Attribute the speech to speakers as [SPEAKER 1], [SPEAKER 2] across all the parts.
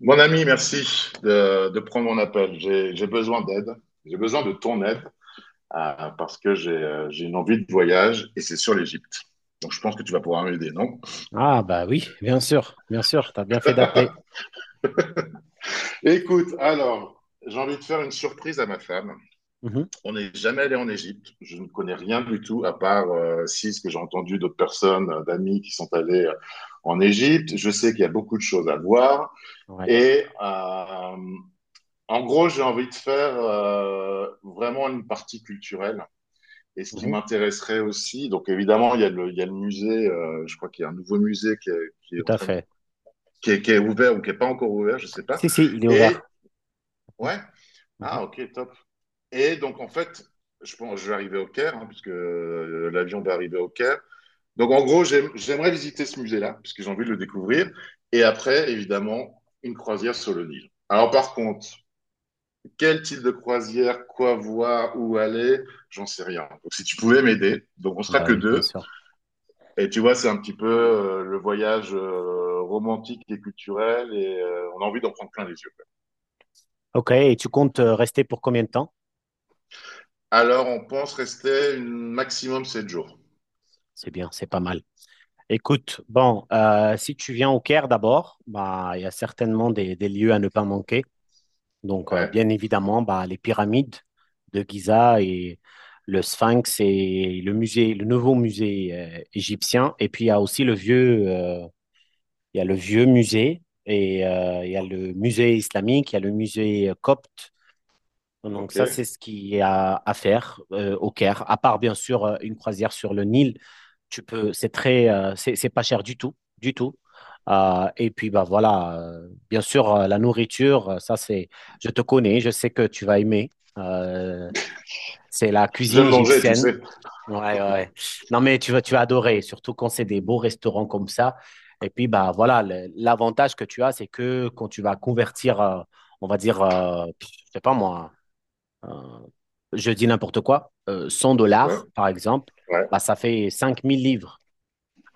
[SPEAKER 1] Mon ami, merci de prendre mon appel. J'ai besoin d'aide. J'ai besoin de ton aide parce que j'ai une envie de voyage et c'est sur l'Égypte. Donc je pense que tu vas pouvoir m'aider, non?
[SPEAKER 2] Ah bah oui, bien sûr, t'as bien fait d'appeler.
[SPEAKER 1] Écoute, alors, j'ai envie de faire une surprise à ma femme.
[SPEAKER 2] Mhm.
[SPEAKER 1] On n'est jamais allé en Égypte. Je ne connais rien du tout à part si ce que j'ai entendu d'autres personnes, d'amis qui sont allés en Égypte. Je sais qu'il y a beaucoup de choses à voir
[SPEAKER 2] Ouais.
[SPEAKER 1] et euh, en gros, j'ai envie de faire vraiment une partie culturelle. Et ce qui
[SPEAKER 2] Mhm,
[SPEAKER 1] m'intéresserait aussi, donc évidemment, il y a le musée, je crois qu'il y a un nouveau musée qui est en
[SPEAKER 2] tout à
[SPEAKER 1] train de-
[SPEAKER 2] fait.
[SPEAKER 1] qui est ouvert ou qui n'est pas encore ouvert, je sais pas.
[SPEAKER 2] Si, si, il est
[SPEAKER 1] Et,
[SPEAKER 2] ouvert. Mhm,
[SPEAKER 1] ouais,
[SPEAKER 2] mhm.
[SPEAKER 1] ah, ok, top. Et donc, en fait, je pense, je vais arriver au Caire, hein, puisque l'avion va arriver au Caire. Donc, en gros, j'aimerais visiter ce musée-là, parce que j'ai envie de le découvrir. Et après, évidemment, une croisière sur le Nil. Alors, par contre, quel type de croisière, quoi voir, où aller, j'en sais rien. Donc, si tu pouvais m'aider, donc on sera
[SPEAKER 2] Bah
[SPEAKER 1] que
[SPEAKER 2] oui, bien
[SPEAKER 1] deux.
[SPEAKER 2] sûr.
[SPEAKER 1] Et tu vois, c'est un petit peu le voyage romantique et culturel et on a envie d'en prendre plein les yeux.
[SPEAKER 2] Ok, et tu comptes rester pour combien de temps?
[SPEAKER 1] Alors, on pense rester un maximum 7 jours.
[SPEAKER 2] C'est bien, c'est pas mal. Écoute, bon, si tu viens au Caire d'abord, bah il y a certainement des lieux à ne pas manquer. Donc
[SPEAKER 1] Ouais,
[SPEAKER 2] bien évidemment, bah les pyramides de Giza et le Sphinx et le musée, le nouveau musée égyptien. Et puis il y a aussi le vieux. Il y a le vieux musée et il y a le musée islamique, il y a le musée copte. Donc
[SPEAKER 1] ok.
[SPEAKER 2] ça, c'est ce qu'il y a à faire au Caire. À part bien sûr une croisière sur le Nil, tu peux, c'est très, c'est pas cher du tout, du tout. Et puis bah voilà, bien sûr la nourriture, ça c'est, je te connais, je sais que tu vas aimer. Euh, c'est la cuisine
[SPEAKER 1] J'aime manger, tu
[SPEAKER 2] égyptienne.
[SPEAKER 1] sais.
[SPEAKER 2] Ouais, ouais, ouais. Non, mais tu vas adorer, surtout quand c'est des beaux restaurants comme ça. Et puis, bah, voilà, l'avantage que tu as, c'est que quand tu vas convertir, on va dire, je sais pas moi, euh, je dis n'importe quoi, 100
[SPEAKER 1] Ouais,
[SPEAKER 2] dollars, par exemple,
[SPEAKER 1] ouais,
[SPEAKER 2] bah, ça fait 5 000 livres.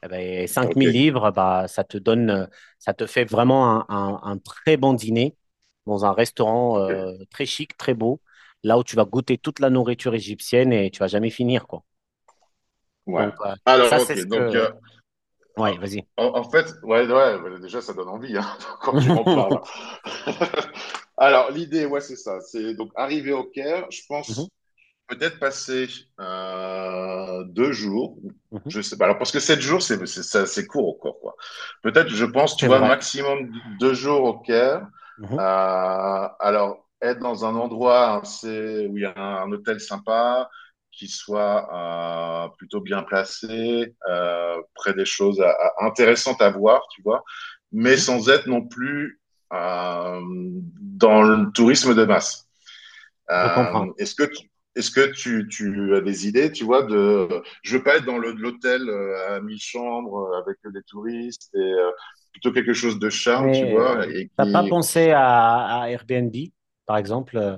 [SPEAKER 2] Eh ben, 5 000
[SPEAKER 1] ok,
[SPEAKER 2] livres, bah, ça te fait vraiment un très bon dîner dans un restaurant
[SPEAKER 1] ok.
[SPEAKER 2] très chic, très beau, là où tu vas goûter toute la nourriture égyptienne et tu vas jamais finir, quoi.
[SPEAKER 1] Ouais.
[SPEAKER 2] Donc, ça,
[SPEAKER 1] Alors,
[SPEAKER 2] c'est
[SPEAKER 1] ok,
[SPEAKER 2] ce
[SPEAKER 1] donc,
[SPEAKER 2] que... Ouais, vas-y.
[SPEAKER 1] en fait, ouais, ouais, bah, déjà, ça donne envie hein, quand tu en parles. Alors, l'idée, ouais, c'est ça. C'est donc arriver au Caire, je
[SPEAKER 2] Mhm,
[SPEAKER 1] pense peut-être passer 2 jours,
[SPEAKER 2] mhm.
[SPEAKER 1] je sais pas. Alors parce que 7 jours, c'est court encore quoi. Peut-être, je pense, tu
[SPEAKER 2] C'est
[SPEAKER 1] vois,
[SPEAKER 2] vrai.
[SPEAKER 1] maximum 2 jours au Caire.
[SPEAKER 2] Mhm,
[SPEAKER 1] Alors être dans un endroit assez, où il y a un hôtel sympa, qui soit plutôt bien placé, près des choses intéressantes à voir, tu vois, mais
[SPEAKER 2] mhm.
[SPEAKER 1] sans être non plus euh, dans le tourisme de masse.
[SPEAKER 2] Je comprends.
[SPEAKER 1] Euh, est-ce que tu, tu as des idées, tu vois, de je veux pas être dans l'hôtel à 1 000 chambres avec des touristes et plutôt quelque chose de charme, tu
[SPEAKER 2] Mais
[SPEAKER 1] vois, et
[SPEAKER 2] t'as pas
[SPEAKER 1] qui
[SPEAKER 2] pensé à Airbnb, par exemple?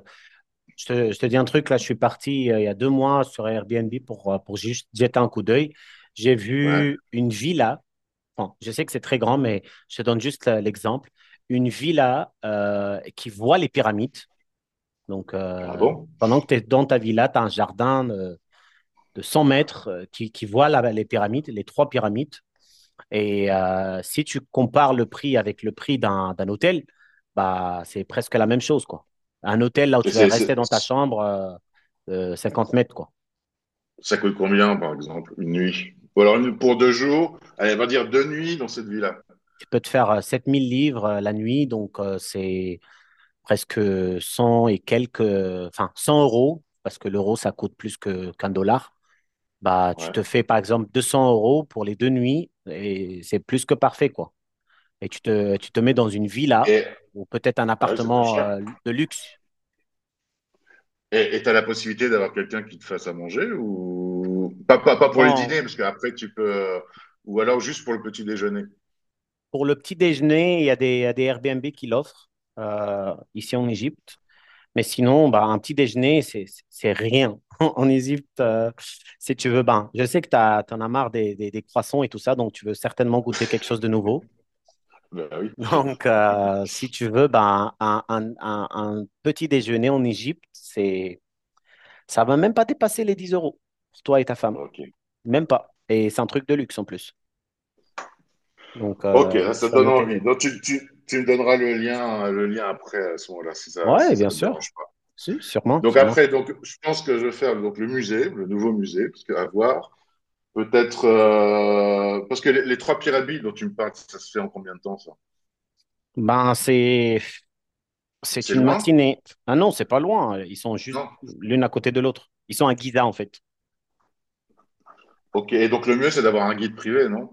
[SPEAKER 2] Je te dis un truc, là, je suis parti il y a 2 mois sur Airbnb pour juste jeter un coup d'œil. J'ai
[SPEAKER 1] ouais,
[SPEAKER 2] vu une villa. Bon, je sais que c'est très grand, mais je te donne juste l'exemple. Une villa qui voit les pyramides. Donc,
[SPEAKER 1] ah bon?
[SPEAKER 2] pendant que tu es dans ta villa, tu as un jardin de 100 mètres qui voit les pyramides, les trois pyramides. Et si tu compares le prix avec le prix d'un hôtel, bah, c'est presque la même chose, quoi. Un hôtel, là où
[SPEAKER 1] Et
[SPEAKER 2] tu vas rester dans ta chambre, 50 mètres, quoi.
[SPEAKER 1] ça coûte combien par exemple une nuit? Ou alors pour 2 jours, allez, on va dire 2 nuits dans cette villa.
[SPEAKER 2] Tu peux te faire 7 000 livres la nuit, donc c'est presque 100 et quelques, enfin 100 euros, parce que l'euro, ça coûte plus qu'un dollar. Bah, tu
[SPEAKER 1] Ouais.
[SPEAKER 2] te fais, par exemple, 200 euros pour les 2 nuits, et c'est plus que parfait, quoi. Et tu te mets dans une villa,
[SPEAKER 1] Et
[SPEAKER 2] ou peut-être un
[SPEAKER 1] ouais, c'est pas
[SPEAKER 2] appartement
[SPEAKER 1] cher.
[SPEAKER 2] de luxe.
[SPEAKER 1] Et t'as la possibilité d'avoir quelqu'un qui te fasse à manger ou pas, pas, pas pour les dîners
[SPEAKER 2] Bon,
[SPEAKER 1] parce qu'après tu peux ou alors juste pour le petit déjeuner.
[SPEAKER 2] pour le petit déjeuner, il y a des Airbnb qui l'offrent ici en Égypte. Mais sinon, bah, un petit déjeuner, c'est rien. En Égypte, si tu veux, ben, je sais que tu en as marre des, des croissants et tout ça, donc tu veux certainement goûter quelque chose de nouveau.
[SPEAKER 1] Bah oui.
[SPEAKER 2] Donc, si tu veux, ben, un petit déjeuner en Égypte, ça va même pas dépasser les 10 euros pour toi et ta femme.
[SPEAKER 1] Ok.
[SPEAKER 2] Même pas. Et c'est un truc de luxe en plus. Donc,
[SPEAKER 1] Ok, là, ça
[SPEAKER 2] tu vas
[SPEAKER 1] donne
[SPEAKER 2] noter
[SPEAKER 1] envie.
[SPEAKER 2] des...
[SPEAKER 1] Donc, tu me donneras le lien après, à ce moment-là, si ça,
[SPEAKER 2] Ouais,
[SPEAKER 1] si ça
[SPEAKER 2] bien
[SPEAKER 1] te
[SPEAKER 2] sûr.
[SPEAKER 1] dérange pas.
[SPEAKER 2] Si, sûrement,
[SPEAKER 1] Donc,
[SPEAKER 2] sûrement.
[SPEAKER 1] après, donc, je pense que je vais faire donc, le musée, le nouveau musée, parce que, à voir. Peut-être. Parce que les trois pyramides dont tu me parles, ça se fait en combien de temps, ça?
[SPEAKER 2] Ben, c'est
[SPEAKER 1] C'est
[SPEAKER 2] une
[SPEAKER 1] loin?
[SPEAKER 2] matinée. Ah non, c'est pas loin. Ils sont juste
[SPEAKER 1] Non.
[SPEAKER 2] l'une à côté de l'autre. Ils sont à Giza, en fait.
[SPEAKER 1] Ok, et donc le mieux, c'est d'avoir un guide privé, non?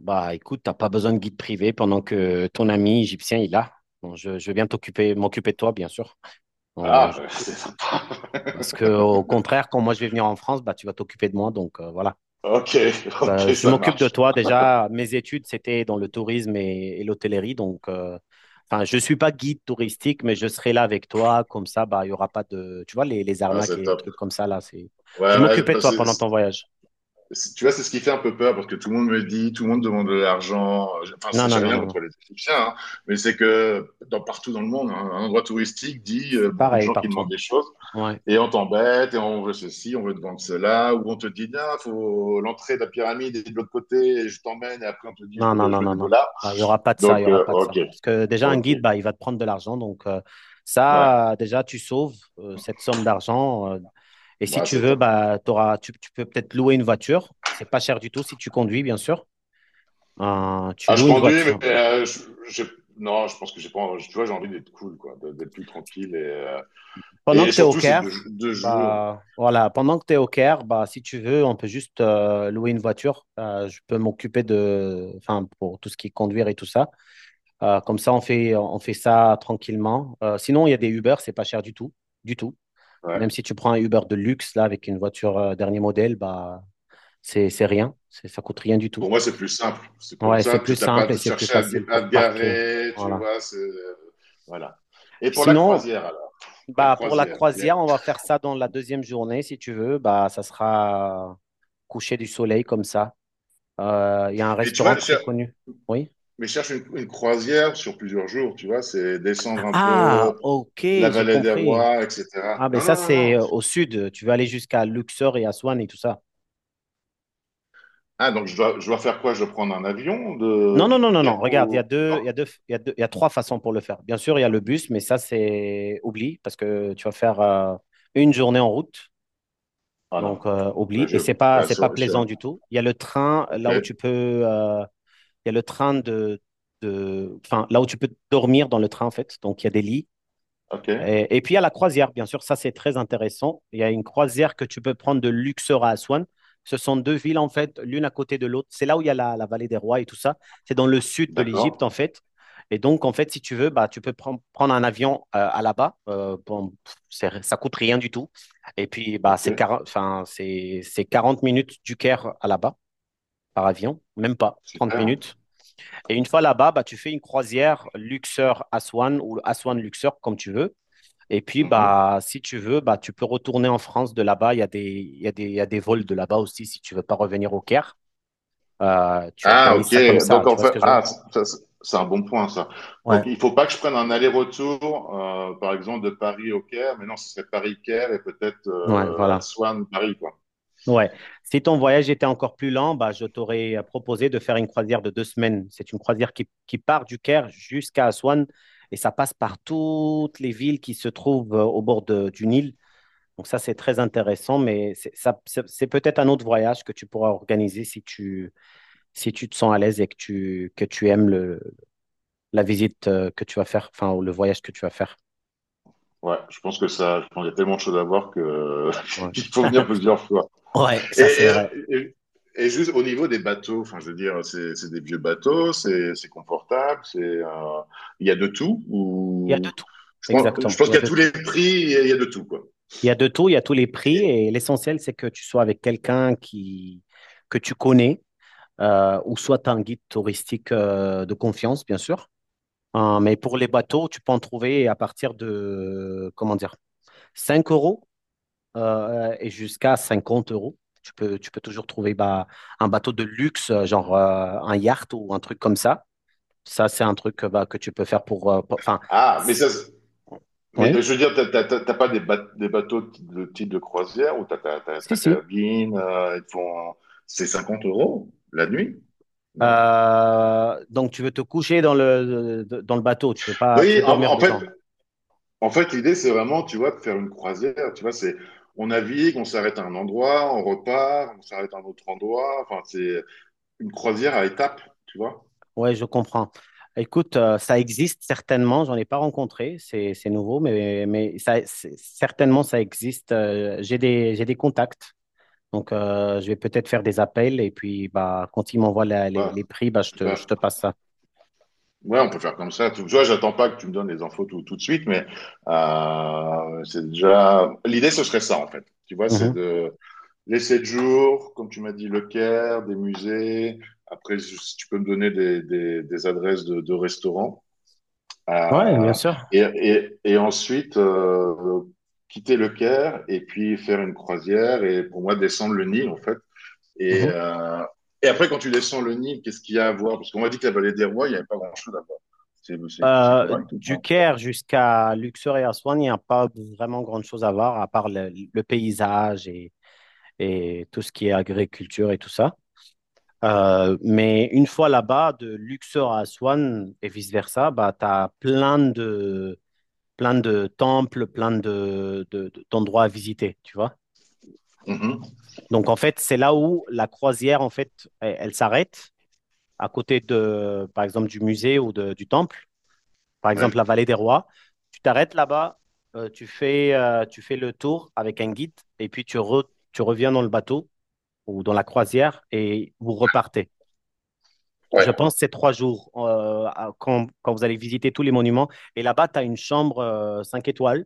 [SPEAKER 2] Bah, écoute, t'as pas besoin de guide privé pendant que ton ami égyptien il a. Bon, je vais bien t'occuper, m'occuper de toi, bien sûr. Bon,
[SPEAKER 1] Ah, bah, c'est sympa.
[SPEAKER 2] parce que au contraire, quand moi je vais venir en France, bah, tu vas t'occuper de moi. Donc voilà.
[SPEAKER 1] Ok, ok,
[SPEAKER 2] Je
[SPEAKER 1] ça
[SPEAKER 2] m'occupe de
[SPEAKER 1] marche.
[SPEAKER 2] toi. Déjà, mes études, c'était dans le tourisme et l'hôtellerie. Donc, enfin, je ne suis pas guide touristique, mais je serai là avec toi. Comme ça, bah, il n'y aura pas de, tu vois, les
[SPEAKER 1] Ah,
[SPEAKER 2] arnaques
[SPEAKER 1] c'est
[SPEAKER 2] et
[SPEAKER 1] top.
[SPEAKER 2] trucs comme ça, là. C'est... Je
[SPEAKER 1] Ouais,
[SPEAKER 2] vais
[SPEAKER 1] ouais,
[SPEAKER 2] m'occuper de
[SPEAKER 1] bah,
[SPEAKER 2] toi pendant ton voyage.
[SPEAKER 1] Tu vois, c'est ce qui fait un peu peur parce que tout le monde me dit, tout le monde demande de l'argent. Enfin,
[SPEAKER 2] Non, non,
[SPEAKER 1] j'ai
[SPEAKER 2] non,
[SPEAKER 1] rien
[SPEAKER 2] non,
[SPEAKER 1] contre
[SPEAKER 2] non.
[SPEAKER 1] les Égyptiens, hein, mais c'est que dans, partout dans le monde, hein, un endroit touristique dit
[SPEAKER 2] C'est
[SPEAKER 1] beaucoup de
[SPEAKER 2] pareil
[SPEAKER 1] gens qui
[SPEAKER 2] partout.
[SPEAKER 1] demandent des choses
[SPEAKER 2] Ouais.
[SPEAKER 1] et on t'embête et on veut ceci, on veut te vendre cela, ou on te dit, il faut l'entrée de la pyramide est de l'autre côté et je t'emmène et après on te dit, je
[SPEAKER 2] Non,
[SPEAKER 1] veux,
[SPEAKER 2] non,
[SPEAKER 1] je
[SPEAKER 2] non,
[SPEAKER 1] veux
[SPEAKER 2] non,
[SPEAKER 1] des
[SPEAKER 2] non.
[SPEAKER 1] dollars.
[SPEAKER 2] Bah, il y aura pas de ça, il y
[SPEAKER 1] Donc,
[SPEAKER 2] aura pas de
[SPEAKER 1] ok,
[SPEAKER 2] ça. Parce que déjà, un
[SPEAKER 1] ok,
[SPEAKER 2] guide, bah, il va te prendre de l'argent. Donc,
[SPEAKER 1] ouais,
[SPEAKER 2] ça, déjà, tu sauves cette somme d'argent. Et si
[SPEAKER 1] ouais,
[SPEAKER 2] tu
[SPEAKER 1] c'est
[SPEAKER 2] veux,
[SPEAKER 1] top.
[SPEAKER 2] bah, tu peux peut-être louer une voiture. C'est pas cher du tout si tu conduis, bien sûr. Tu
[SPEAKER 1] Ah, je
[SPEAKER 2] loues une
[SPEAKER 1] conduis, mais
[SPEAKER 2] voiture.
[SPEAKER 1] j'ai- non, je pense que j'ai pas, tu vois, j'ai envie d'être cool, quoi, d'être plus tranquille et. euh,
[SPEAKER 2] Pendant
[SPEAKER 1] et
[SPEAKER 2] que tu es au
[SPEAKER 1] surtout, c'est deux,
[SPEAKER 2] Caire,
[SPEAKER 1] deux jours.
[SPEAKER 2] bah, voilà, pendant que tu es au Caire, bah, si tu veux, on peut juste louer une voiture. Je peux m'occuper de, enfin, pour tout ce qui est conduire et tout ça. Comme ça, on fait ça tranquillement. Sinon, il y a des Uber, c'est pas cher du tout, du tout. Même
[SPEAKER 1] Ouais.
[SPEAKER 2] si tu prends un Uber de luxe, là, avec une voiture dernier modèle, bah, c'est rien. Ça coûte rien du tout.
[SPEAKER 1] Pour moi, c'est plus simple. C'est comme
[SPEAKER 2] Ouais, c'est
[SPEAKER 1] ça,
[SPEAKER 2] plus
[SPEAKER 1] tu t'as pas à
[SPEAKER 2] simple et
[SPEAKER 1] te
[SPEAKER 2] c'est plus
[SPEAKER 1] chercher
[SPEAKER 2] facile
[SPEAKER 1] à
[SPEAKER 2] pour
[SPEAKER 1] te
[SPEAKER 2] parquer.
[SPEAKER 1] garer, tu
[SPEAKER 2] Voilà.
[SPEAKER 1] vois. Voilà. Et pour la
[SPEAKER 2] Sinon,
[SPEAKER 1] croisière, alors. La
[SPEAKER 2] bah, pour la
[SPEAKER 1] croisière.
[SPEAKER 2] croisière, on va faire ça dans la deuxième journée, si tu veux. Bah, ça sera coucher du soleil comme ça. Il y a un
[SPEAKER 1] Mais tu vois,
[SPEAKER 2] restaurant très connu. Oui.
[SPEAKER 1] mais je cherche une croisière sur plusieurs jours, tu vois. C'est descendre un
[SPEAKER 2] Ah,
[SPEAKER 1] peu
[SPEAKER 2] ok,
[SPEAKER 1] la
[SPEAKER 2] j'ai
[SPEAKER 1] vallée des
[SPEAKER 2] compris.
[SPEAKER 1] rois, etc.
[SPEAKER 2] Ah, ben
[SPEAKER 1] Non,
[SPEAKER 2] ça,
[SPEAKER 1] non, non,
[SPEAKER 2] c'est
[SPEAKER 1] non.
[SPEAKER 2] au sud. Tu vas aller jusqu'à Luxor et Aswan et tout ça.
[SPEAKER 1] Ah, donc je dois faire quoi? Je dois prendre un avion
[SPEAKER 2] Non,
[SPEAKER 1] de,
[SPEAKER 2] non, non,
[SPEAKER 1] du
[SPEAKER 2] non, non.
[SPEAKER 1] Caire
[SPEAKER 2] Regarde, il y a
[SPEAKER 1] ou...
[SPEAKER 2] deux,
[SPEAKER 1] Non?
[SPEAKER 2] il y a deux, il y a deux- il y a trois façons pour le faire. Bien sûr, il y a le bus, mais ça, c'est oublie parce que tu vas faire une journée en route.
[SPEAKER 1] Ah non.
[SPEAKER 2] Donc,
[SPEAKER 1] Là,
[SPEAKER 2] oublie. Et
[SPEAKER 1] je,
[SPEAKER 2] c'est pas,
[SPEAKER 1] là,
[SPEAKER 2] c'est pas
[SPEAKER 1] sur,
[SPEAKER 2] plaisant
[SPEAKER 1] sur-
[SPEAKER 2] du tout. Il y a le train
[SPEAKER 1] Ok,
[SPEAKER 2] là où tu peux, euh, il y a le train de, enfin, là où tu peux dormir dans le train, en fait. Donc, il y a des lits.
[SPEAKER 1] ok,
[SPEAKER 2] Et puis il y a la croisière, bien sûr, ça c'est très intéressant. Il y a une croisière que tu peux prendre de Luxor à Aswan. Ce sont deux villes, en fait, l'une à côté de l'autre. C'est là où il y a la vallée des rois et tout ça. C'est dans le sud de l'Égypte,
[SPEAKER 1] d'accord.
[SPEAKER 2] en fait. Et donc, en fait, si tu veux, bah, tu peux prendre un avion à là-bas. Bon, ça coûte rien du tout. Et puis, bah, c'est
[SPEAKER 1] Ok,
[SPEAKER 2] 40, enfin, c'est 40 minutes du Caire à là-bas par avion, même pas, 30
[SPEAKER 1] super.
[SPEAKER 2] minutes. Et une fois là-bas, bah, tu fais une croisière Luxor-Aswan ou Aswan-Luxor, comme tu veux. Et puis,
[SPEAKER 1] Mhm.
[SPEAKER 2] bah, si tu veux, bah, tu peux retourner en France de là-bas. Il y a des, il y a des, il y a des vols de là-bas aussi si tu veux pas revenir au Caire. Tu
[SPEAKER 1] Ah,
[SPEAKER 2] organises ça comme
[SPEAKER 1] ok.
[SPEAKER 2] ça.
[SPEAKER 1] Donc,
[SPEAKER 2] Tu
[SPEAKER 1] en
[SPEAKER 2] vois ce
[SPEAKER 1] fait,
[SPEAKER 2] que je veux dire?
[SPEAKER 1] ah, ça, c'est un bon point, ça. Donc,
[SPEAKER 2] Ouais.
[SPEAKER 1] il faut pas que je prenne un aller-retour, par exemple, de Paris au Caire, mais non, ce serait Paris-Caire et peut-être
[SPEAKER 2] Ouais, voilà.
[SPEAKER 1] Aswan, Paris, quoi.
[SPEAKER 2] Ouais. Si ton voyage était encore plus lent, bah, je t'aurais proposé de faire une croisière de 2 semaines. C'est une croisière qui part du Caire jusqu'à Aswan et ça passe par toutes les villes qui se trouvent au bord du Nil. Donc ça, c'est très intéressant, mais c'est peut-être un autre voyage que tu pourras organiser si tu, si tu te sens à l'aise et que tu aimes le, la visite que tu vas faire, enfin, ou le voyage que tu vas faire.
[SPEAKER 1] Ouais, je pense que ça, je pense qu'il y a tellement de choses à voir que
[SPEAKER 2] Ouais.
[SPEAKER 1] qu'il faut venir plusieurs fois.
[SPEAKER 2] Ouais,
[SPEAKER 1] Et,
[SPEAKER 2] ça c'est vrai.
[SPEAKER 1] et, et- et juste au niveau des bateaux, enfin, je veux dire, c'est des vieux bateaux, c'est confortable, c'est il y a de tout
[SPEAKER 2] Il y a de
[SPEAKER 1] ou
[SPEAKER 2] tout.
[SPEAKER 1] je pense, je
[SPEAKER 2] Exactement,
[SPEAKER 1] pense
[SPEAKER 2] il y a
[SPEAKER 1] qu'il y a
[SPEAKER 2] de
[SPEAKER 1] tous
[SPEAKER 2] tout.
[SPEAKER 1] les prix, il y a de tout, quoi.
[SPEAKER 2] Il y a de tout, il y a tous les prix et l'essentiel, c'est que tu sois avec quelqu'un qui, que tu connais ou soit tu as un guide touristique de confiance, bien sûr. Hein, mais pour les bateaux, tu peux en trouver à partir de, comment dire, 5 euros et jusqu'à 50 euros. Tu peux toujours trouver bah, un bateau de luxe, genre un yacht ou un truc comme ça. Ça, c'est un truc bah, que tu peux faire Enfin,
[SPEAKER 1] Ah, mais ça, mais
[SPEAKER 2] oui,
[SPEAKER 1] je veux dire, t'as pas des bateaux de type de croisière où t'as ta ta-
[SPEAKER 2] si,
[SPEAKER 1] ta
[SPEAKER 2] si.
[SPEAKER 1] cabine, ils te font... C'est 50 € la nuit? Non.
[SPEAKER 2] Donc, tu veux te coucher dans dans le bateau, tu veux pas, tu veux
[SPEAKER 1] Oui, en,
[SPEAKER 2] dormir
[SPEAKER 1] en fait,
[SPEAKER 2] dedans.
[SPEAKER 1] en fait, l'idée, c'est vraiment, tu vois, de faire une croisière. Tu vois, on navigue, on s'arrête à un endroit, on repart, on s'arrête à un autre endroit. Enfin, c'est une croisière à étapes, tu vois.
[SPEAKER 2] Oui, je comprends. Écoute, ça existe certainement, j'en ai pas rencontré, c'est nouveau, mais ça, certainement ça existe. J'ai des contacts. Donc, je vais peut-être faire des appels et puis bah, quand ils m'envoient les,
[SPEAKER 1] Voilà,
[SPEAKER 2] les prix, bah, je te, je
[SPEAKER 1] super.
[SPEAKER 2] te passe ça.
[SPEAKER 1] Ouais, on peut faire comme ça. Tu vois, j'attends pas que tu me donnes les infos tout de suite, mais c'est déjà. L'idée, ce serait ça, en fait. Tu vois, c'est
[SPEAKER 2] Mhm.
[SPEAKER 1] de les 7 jours, comme tu m'as dit, le Caire, des musées. Après, si tu peux me donner des adresses de restaurants.
[SPEAKER 2] Ouais, bien
[SPEAKER 1] Euh,
[SPEAKER 2] sûr.
[SPEAKER 1] et ensuite, quitter le Caire et puis faire une croisière et pour moi, descendre le Nil, en fait. Et,
[SPEAKER 2] Mhm.
[SPEAKER 1] euh, et après, quand tu descends le Nil, qu'est-ce qu'il y a à voir? Parce qu'on m'a dit que la vallée des rois, il n'y avait pas grand-chose à voir. C'est
[SPEAKER 2] Euh,
[SPEAKER 1] correct ou
[SPEAKER 2] du
[SPEAKER 1] pas?
[SPEAKER 2] Caire jusqu'à Luxor et Aswan, il n'y a pas vraiment grand-chose à voir à part le paysage et tout ce qui est agriculture et tout ça. Mais une fois là-bas, de Luxor à Aswan et vice-versa, bah, tu as plein de temples, plein de, d'endroits à visiter, tu vois.
[SPEAKER 1] Mhm.
[SPEAKER 2] Donc, en fait, c'est là où la croisière, en fait, elle s'arrête à côté de, par exemple, du musée ou du temple, par
[SPEAKER 1] Ouais.
[SPEAKER 2] exemple, la vallée des rois. Tu t'arrêtes là-bas, tu fais le tour avec un guide et puis tu reviens dans le bateau ou dans la croisière et vous repartez. Je
[SPEAKER 1] Ouais.
[SPEAKER 2] pense que c'est 3 jours quand vous allez visiter tous les monuments. Et là-bas, tu as une chambre 5 étoiles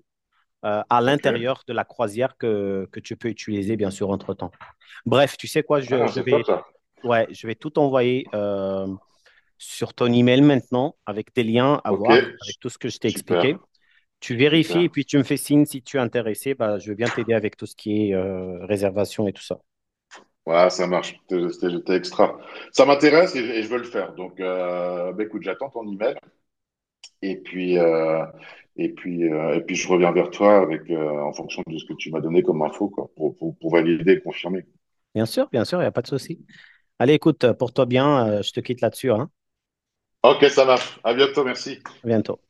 [SPEAKER 2] à
[SPEAKER 1] Ok.
[SPEAKER 2] l'intérieur de la croisière que tu peux utiliser, bien sûr, entre-temps. Bref, tu sais quoi, je,
[SPEAKER 1] Ah,
[SPEAKER 2] je
[SPEAKER 1] c'est top
[SPEAKER 2] vais,
[SPEAKER 1] ça.
[SPEAKER 2] ouais, je vais tout envoyer sur ton email maintenant avec tes liens à
[SPEAKER 1] Ok.
[SPEAKER 2] voir, avec tout ce que je t'ai
[SPEAKER 1] Super.
[SPEAKER 2] expliqué. Tu vérifies et
[SPEAKER 1] Super.
[SPEAKER 2] puis tu me fais signe si tu es intéressé. Bah, je veux bien t'aider avec tout ce qui est réservation et tout ça.
[SPEAKER 1] Ouais, ça marche. C'était J'étais extra. Ça m'intéresse et je veux le faire. Donc, bah, écoute, j'attends ton email et puis euh, et puis je reviens vers toi avec en fonction de ce que tu m'as donné comme info quoi, pour valider et confirmer.
[SPEAKER 2] Bien sûr, il n'y a pas de souci. Allez, écoute, porte-toi bien. Je te quitte là-dessus, hein.
[SPEAKER 1] Ok, ça marche. À bientôt. Merci.
[SPEAKER 2] À bientôt.